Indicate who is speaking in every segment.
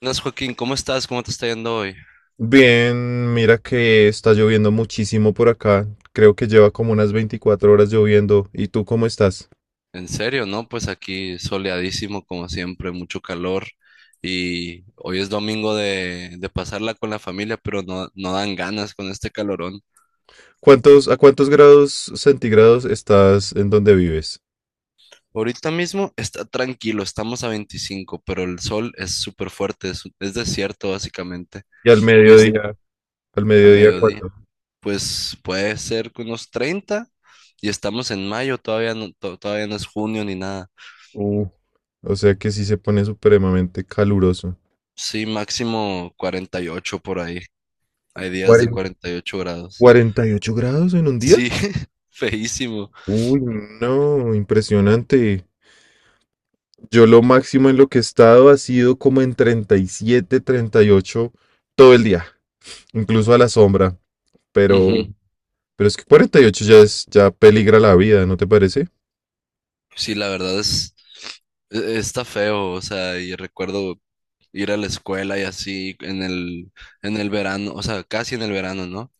Speaker 1: Buenas, Joaquín, ¿cómo estás? ¿Cómo te está yendo hoy?
Speaker 2: Bien, mira que está lloviendo muchísimo por acá. Creo que lleva como unas 24 horas lloviendo. ¿Y tú cómo estás?
Speaker 1: En serio, ¿no? Pues aquí soleadísimo, como siempre, mucho calor. Y hoy es domingo de pasarla con la familia, pero no dan ganas con este calorón.
Speaker 2: ¿A cuántos grados centígrados estás en donde vives?
Speaker 1: Ahorita mismo está tranquilo, estamos a 25, pero el sol es súper fuerte, es desierto básicamente.
Speaker 2: Y al
Speaker 1: Hoy es
Speaker 2: mediodía, al
Speaker 1: a
Speaker 2: mediodía,
Speaker 1: mediodía,
Speaker 2: ¿cuánto?
Speaker 1: pues puede ser que unos 30 y estamos en mayo, todavía no es junio ni nada.
Speaker 2: Uh, o sea que sí se pone supremamente caluroso.
Speaker 1: Sí, máximo 48 por ahí. Hay días de
Speaker 2: Cuaren-
Speaker 1: 48 grados.
Speaker 2: ¿48 grados en un día?
Speaker 1: Sí, feísimo.
Speaker 2: Uy, no, impresionante. Yo lo máximo en lo que he estado ha sido como en treinta y siete, 38 todo el día, incluso a la sombra, pero.
Speaker 1: Ujú.
Speaker 2: Pero es que 48 ya es, ya peligra la vida, ¿no te parece?
Speaker 1: Sí, la verdad es, está feo, o sea, y recuerdo ir a la escuela y así en el verano, o sea, casi en el verano, ¿no?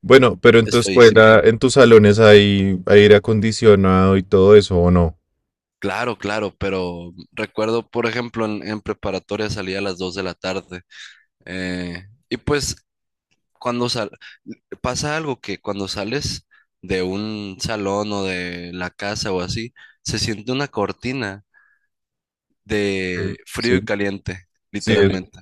Speaker 2: Bueno, pero en tu
Speaker 1: Es feísimo.
Speaker 2: escuela, en tus salones hay aire acondicionado y todo eso, ¿o no?
Speaker 1: Claro, claro, pero recuerdo, por ejemplo, en preparatoria salía a las 2 de la tarde. eh, y pues cuando sal, pasa algo que cuando sales de un salón o de la casa o así, se siente una cortina
Speaker 2: Sí,
Speaker 1: de frío y
Speaker 2: sí,
Speaker 1: caliente,
Speaker 2: sí, es
Speaker 1: literalmente.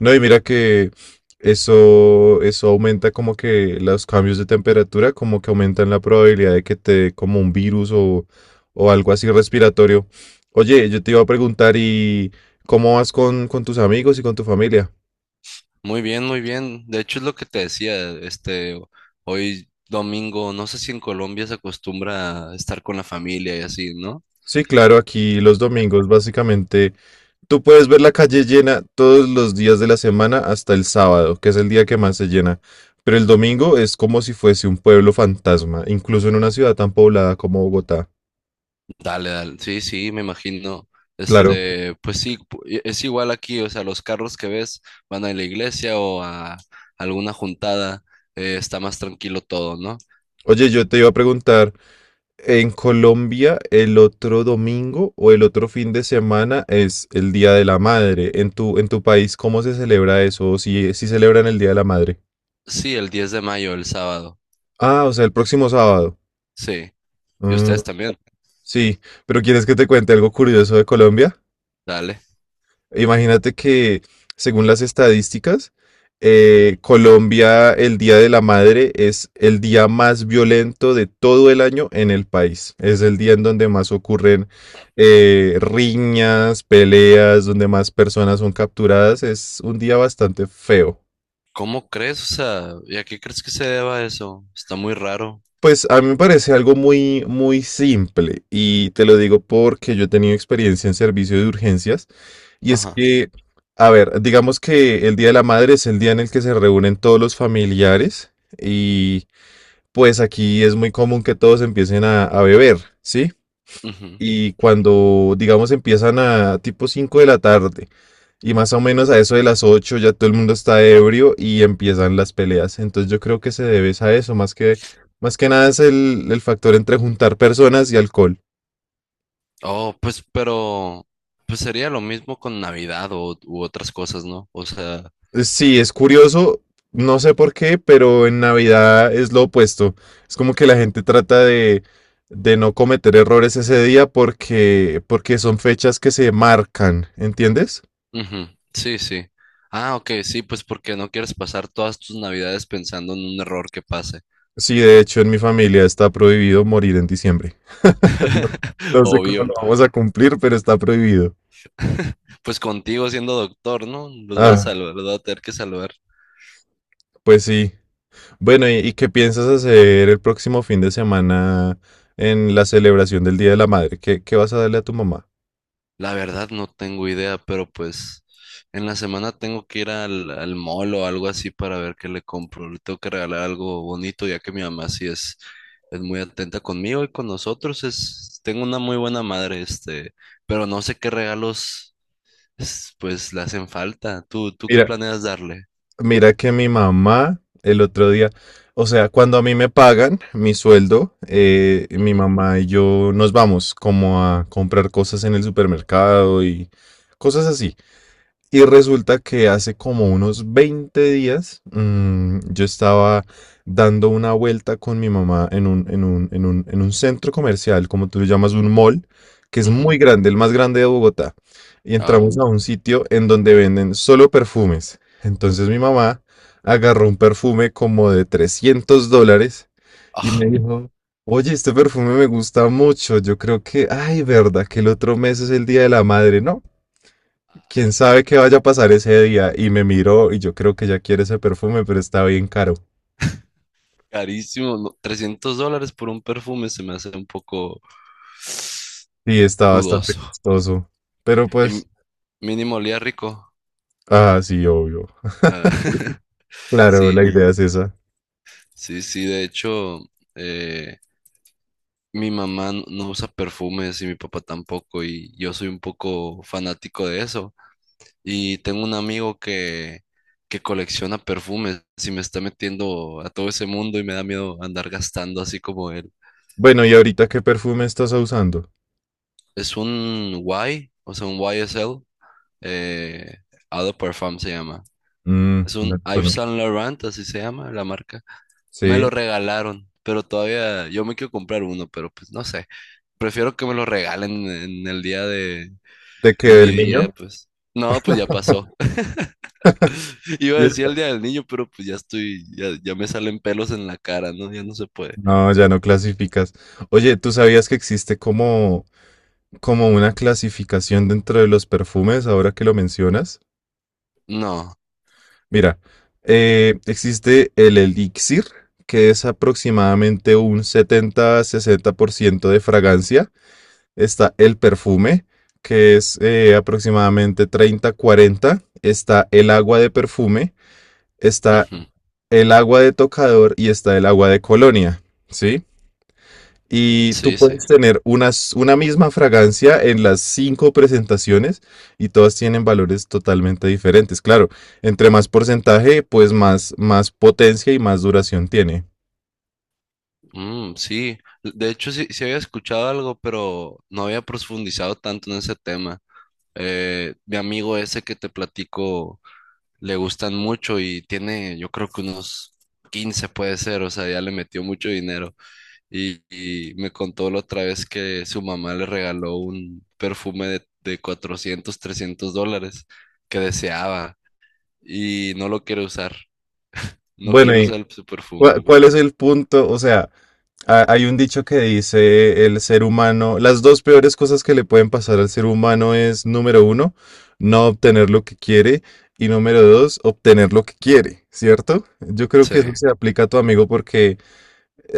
Speaker 2: no, y mira que eso aumenta como que los cambios de temperatura, como que aumentan la probabilidad de que te dé como un virus o algo así respiratorio. Oye, yo te iba a preguntar, ¿y cómo vas con tus amigos y con tu familia?
Speaker 1: Muy bien, muy bien. De hecho, es lo que te decía, hoy domingo, no sé si en Colombia se acostumbra a estar con la familia y así, ¿no?
Speaker 2: Sí, claro, aquí los domingos básicamente tú puedes ver la calle llena todos los días de la semana hasta el sábado, que es el día que más se llena. Pero el domingo es como si fuese un pueblo fantasma, incluso en una ciudad tan poblada como Bogotá.
Speaker 1: Dale, dale. Sí, sí, me imagino.
Speaker 2: Claro.
Speaker 1: Pues sí, es igual aquí, o sea, los carros que ves van a la iglesia o a alguna juntada, está más tranquilo todo, ¿no?
Speaker 2: Oye, yo te iba a preguntar, ¿en Colombia el otro domingo o el otro fin de semana es el Día de la Madre? ¿En tu país cómo se celebra eso? ¿O si celebran el Día de la Madre?
Speaker 1: Sí, el 10 de mayo, el sábado.
Speaker 2: Ah, o sea, el próximo sábado.
Speaker 1: Sí. ¿Y
Speaker 2: Mm,
Speaker 1: ustedes también?
Speaker 2: sí, pero ¿quieres que te cuente algo curioso de Colombia?
Speaker 1: Dale.
Speaker 2: Imagínate que, según las estadísticas, Colombia, el Día de la Madre es el día más violento de todo el año en el país. Es el día en donde más ocurren riñas, peleas, donde más personas son capturadas. Es un día bastante feo.
Speaker 1: ¿Cómo crees? O sea, ¿y a qué crees que se deba eso? Está muy raro.
Speaker 2: Pues a mí me parece algo muy, muy simple y te lo digo porque yo he tenido experiencia en servicio de urgencias y es
Speaker 1: Ajá.
Speaker 2: que, a ver, digamos que el Día de la Madre es el día en el que se reúnen todos los familiares y pues aquí es muy común que todos empiecen a beber, ¿sí?
Speaker 1: Ujú.
Speaker 2: Y cuando, digamos, empiezan a tipo 5 de la tarde. Y más o menos a eso de las 8 ya todo el mundo está ebrio y empiezan las peleas. Entonces yo creo que se debe es a eso, más que nada es el factor entre juntar personas y alcohol.
Speaker 1: Oh, pues, pero, pues sería lo mismo con Navidad o, u otras cosas, ¿no? O sea,
Speaker 2: Sí, es curioso, no sé por qué, pero en Navidad es lo opuesto. Es como que la gente trata de no cometer errores ese día porque son fechas que se marcan, ¿entiendes?
Speaker 1: ujú, sí, sí. Ah, ok, sí, pues porque no quieres pasar todas tus Navidades pensando en un error que pase.
Speaker 2: Sí, de hecho en mi familia está prohibido morir en diciembre. No sé cómo
Speaker 1: Obvio.
Speaker 2: lo vamos a cumplir, pero está prohibido.
Speaker 1: Pues contigo siendo doctor, ¿no? Los vas a
Speaker 2: Ah,
Speaker 1: salvar, los vas a tener que salvar.
Speaker 2: pues sí. Bueno, ¿y qué piensas hacer el próximo fin de semana en la celebración del Día de la Madre? ¿Qué vas a darle a tu mamá?
Speaker 1: La verdad no tengo idea, pero pues en la semana tengo que ir al mall o algo así para ver qué le compro. Le tengo que regalar algo bonito, ya que mi mamá sí es muy atenta conmigo y con nosotros. Tengo una muy buena madre, pero no sé qué regalos pues le hacen falta. ¿Tú qué
Speaker 2: Mira,
Speaker 1: planeas darle?
Speaker 2: mira que mi mamá el otro día, o sea, cuando a mí me pagan mi sueldo, mi
Speaker 1: Ujú,
Speaker 2: mamá y yo nos vamos como a comprar cosas en el supermercado y cosas así. Y resulta que hace como unos 20 días, yo estaba dando una vuelta con mi mamá en un centro comercial, como tú lo llamas, un mall, que es muy
Speaker 1: ujú.
Speaker 2: grande, el más grande de Bogotá. Y
Speaker 1: Ah,
Speaker 2: entramos a un sitio en donde venden solo perfumes. Entonces mi mamá agarró un perfume como de $300 y
Speaker 1: ah,
Speaker 2: me dijo, oye, este perfume me gusta mucho. Yo creo que, ay, verdad, que el otro mes es el Día de la Madre, ¿no? Quién sabe qué vaya a pasar ese día. Y me miró y yo creo que ya quiere ese perfume, pero está bien caro.
Speaker 1: carísimo, no, $300 por un perfume se me hace un poco
Speaker 2: Y está bastante
Speaker 1: dudoso.
Speaker 2: costoso. Pero
Speaker 1: Y
Speaker 2: pues,
Speaker 1: mínimo olía rico.
Speaker 2: ah, sí, obvio.
Speaker 1: Ah,
Speaker 2: Claro, la
Speaker 1: Sí,
Speaker 2: idea es esa.
Speaker 1: sí, sí, de hecho, eh, mi mamá no usa perfumes y mi papá tampoco, y yo soy un poco fanático de eso. Y tengo un amigo que colecciona perfumes y me está metiendo a todo ese mundo y me da miedo andar gastando así como él.
Speaker 2: Bueno, ¿y ahorita qué perfume estás usando?
Speaker 1: Es un Y, o sea, un YSL, eh, Eau de Parfum se llama.
Speaker 2: Mm,
Speaker 1: Es un
Speaker 2: no te
Speaker 1: Yves
Speaker 2: conozco.
Speaker 1: Saint Laurent, así se llama la marca. Me lo
Speaker 2: Sí,
Speaker 1: regalaron, pero todavía yo me quiero comprar uno, pero pues no sé. Prefiero que me lo regalen
Speaker 2: ¿de qué?
Speaker 1: en mi
Speaker 2: ¿Del
Speaker 1: día,
Speaker 2: niño?
Speaker 1: pues. No, pues ya pasó. Iba a
Speaker 2: Sí.
Speaker 1: decir el día del niño, pero pues ya estoy, ya me salen pelos en la cara, ¿no? Ya no se puede.
Speaker 2: No, ya no clasificas. Oye, ¿tú sabías que existe como una clasificación dentro de los perfumes, ahora que lo mencionas?
Speaker 1: No.
Speaker 2: Mira, existe el elixir, que es aproximadamente un 70-60% de fragancia. Está el perfume, que es aproximadamente 30-40. Está el agua de perfume, está
Speaker 1: Ujú.
Speaker 2: el agua de tocador y está el agua de colonia, ¿sí? Y tú
Speaker 1: Sí, sí.
Speaker 2: puedes tener una misma fragancia en las cinco presentaciones y todas tienen valores totalmente diferentes. Claro, entre más porcentaje, pues más potencia y más duración tiene.
Speaker 1: Mm, sí. De hecho, sí, sí había escuchado algo, pero no había profundizado tanto en ese tema. Mi amigo ese que te platico le gustan mucho y tiene, yo creo que unos 15 puede ser, o sea, ya le metió mucho dinero. Y me contó la otra vez que su mamá le regaló un perfume de 400 $300 que deseaba y no lo quiere usar, no
Speaker 2: Bueno,
Speaker 1: quiere
Speaker 2: ¿y
Speaker 1: usar su perfume.
Speaker 2: cuál es el punto? O sea, hay un dicho que dice el ser humano, las dos peores cosas que le pueden pasar al ser humano es, número uno, no obtener lo que quiere y número dos, obtener lo que quiere, ¿cierto? Yo creo que eso
Speaker 1: Sí.
Speaker 2: se aplica a tu amigo porque.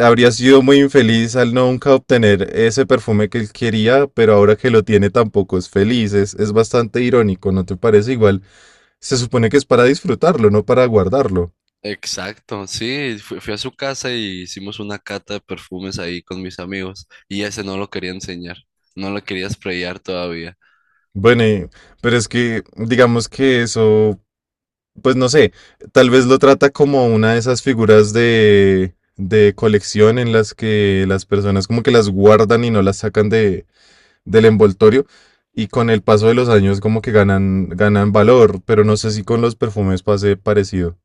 Speaker 2: Habría sido muy infeliz al no nunca obtener ese perfume que él quería, pero ahora que lo tiene tampoco es feliz. Es bastante irónico, ¿no te parece? Igual se supone que es para disfrutarlo, no para guardarlo.
Speaker 1: Exacto, sí, fui a su casa y hicimos una cata de perfumes ahí con mis amigos y ese no lo quería enseñar, no lo quería sprayar todavía.
Speaker 2: Bueno, pero es que digamos que eso, pues no sé, tal vez lo trata como una de esas figuras de colección en las que las personas como que las guardan y no las sacan del envoltorio y con el paso de los años como que ganan valor, pero no sé si con los perfumes pase parecido.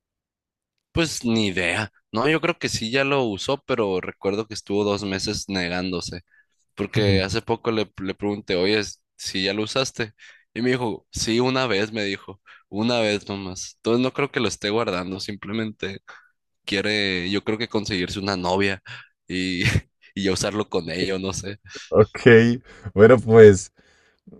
Speaker 1: Pues ni idea. No, yo creo que sí ya lo usó, pero recuerdo que estuvo 2 meses negándose, porque
Speaker 2: Ujú.
Speaker 1: hace poco le pregunté, oye, si ya lo usaste. Y me dijo, sí, una vez, me dijo, una vez nomás. Entonces no creo que lo esté guardando, simplemente quiere, yo creo que conseguirse una novia y, y ya usarlo con ella, o no sé.
Speaker 2: Ok, bueno, pues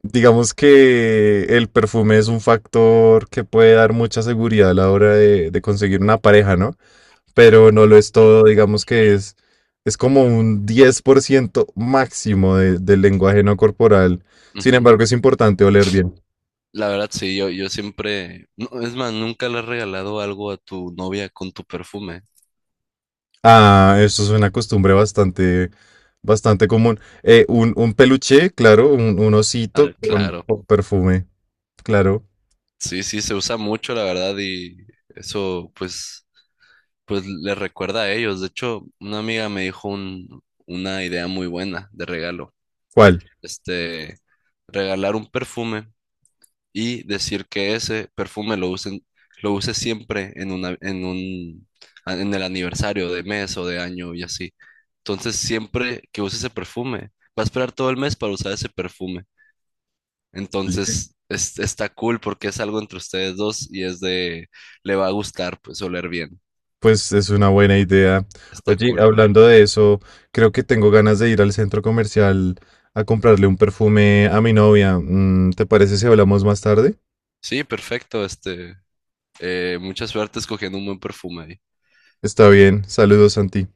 Speaker 2: digamos que el perfume es un factor que puede dar mucha seguridad a la hora de conseguir una pareja, ¿no? Pero no lo es todo, digamos que es como un 10% máximo del lenguaje no corporal. Sin
Speaker 1: Ujú.
Speaker 2: embargo, es importante oler bien.
Speaker 1: La verdad, sí, yo siempre, no, es más, nunca le has regalado algo a tu novia con tu perfume.
Speaker 2: Ah, eso es una costumbre bastante común. Un peluche, claro, un osito
Speaker 1: Ah,
Speaker 2: con,
Speaker 1: claro.
Speaker 2: con perfume, claro.
Speaker 1: Sí, sí, se usa mucho, la verdad, y eso pues, pues les recuerda a ellos. De hecho, una amiga me dijo una idea muy buena de regalo.
Speaker 2: ¿Cuál?
Speaker 1: Este, Regalar un perfume y decir que ese perfume lo usen, lo use siempre en una, en un, a- en el aniversario de mes o de año y así. Entonces, siempre que use ese perfume, va a esperar todo el mes para usar ese perfume. Entonces, está cool porque es algo entre ustedes dos y le va a gustar, pues, oler bien.
Speaker 2: Pues es una buena idea.
Speaker 1: Está
Speaker 2: Oye,
Speaker 1: cool.
Speaker 2: hablando de eso, creo que tengo ganas de ir al centro comercial a comprarle un perfume a mi novia. ¿Te parece si hablamos más tarde?
Speaker 1: Sí, perfecto. Mucha suerte escogiendo un buen perfume ahí.
Speaker 2: Está bien. Saludos, Santi.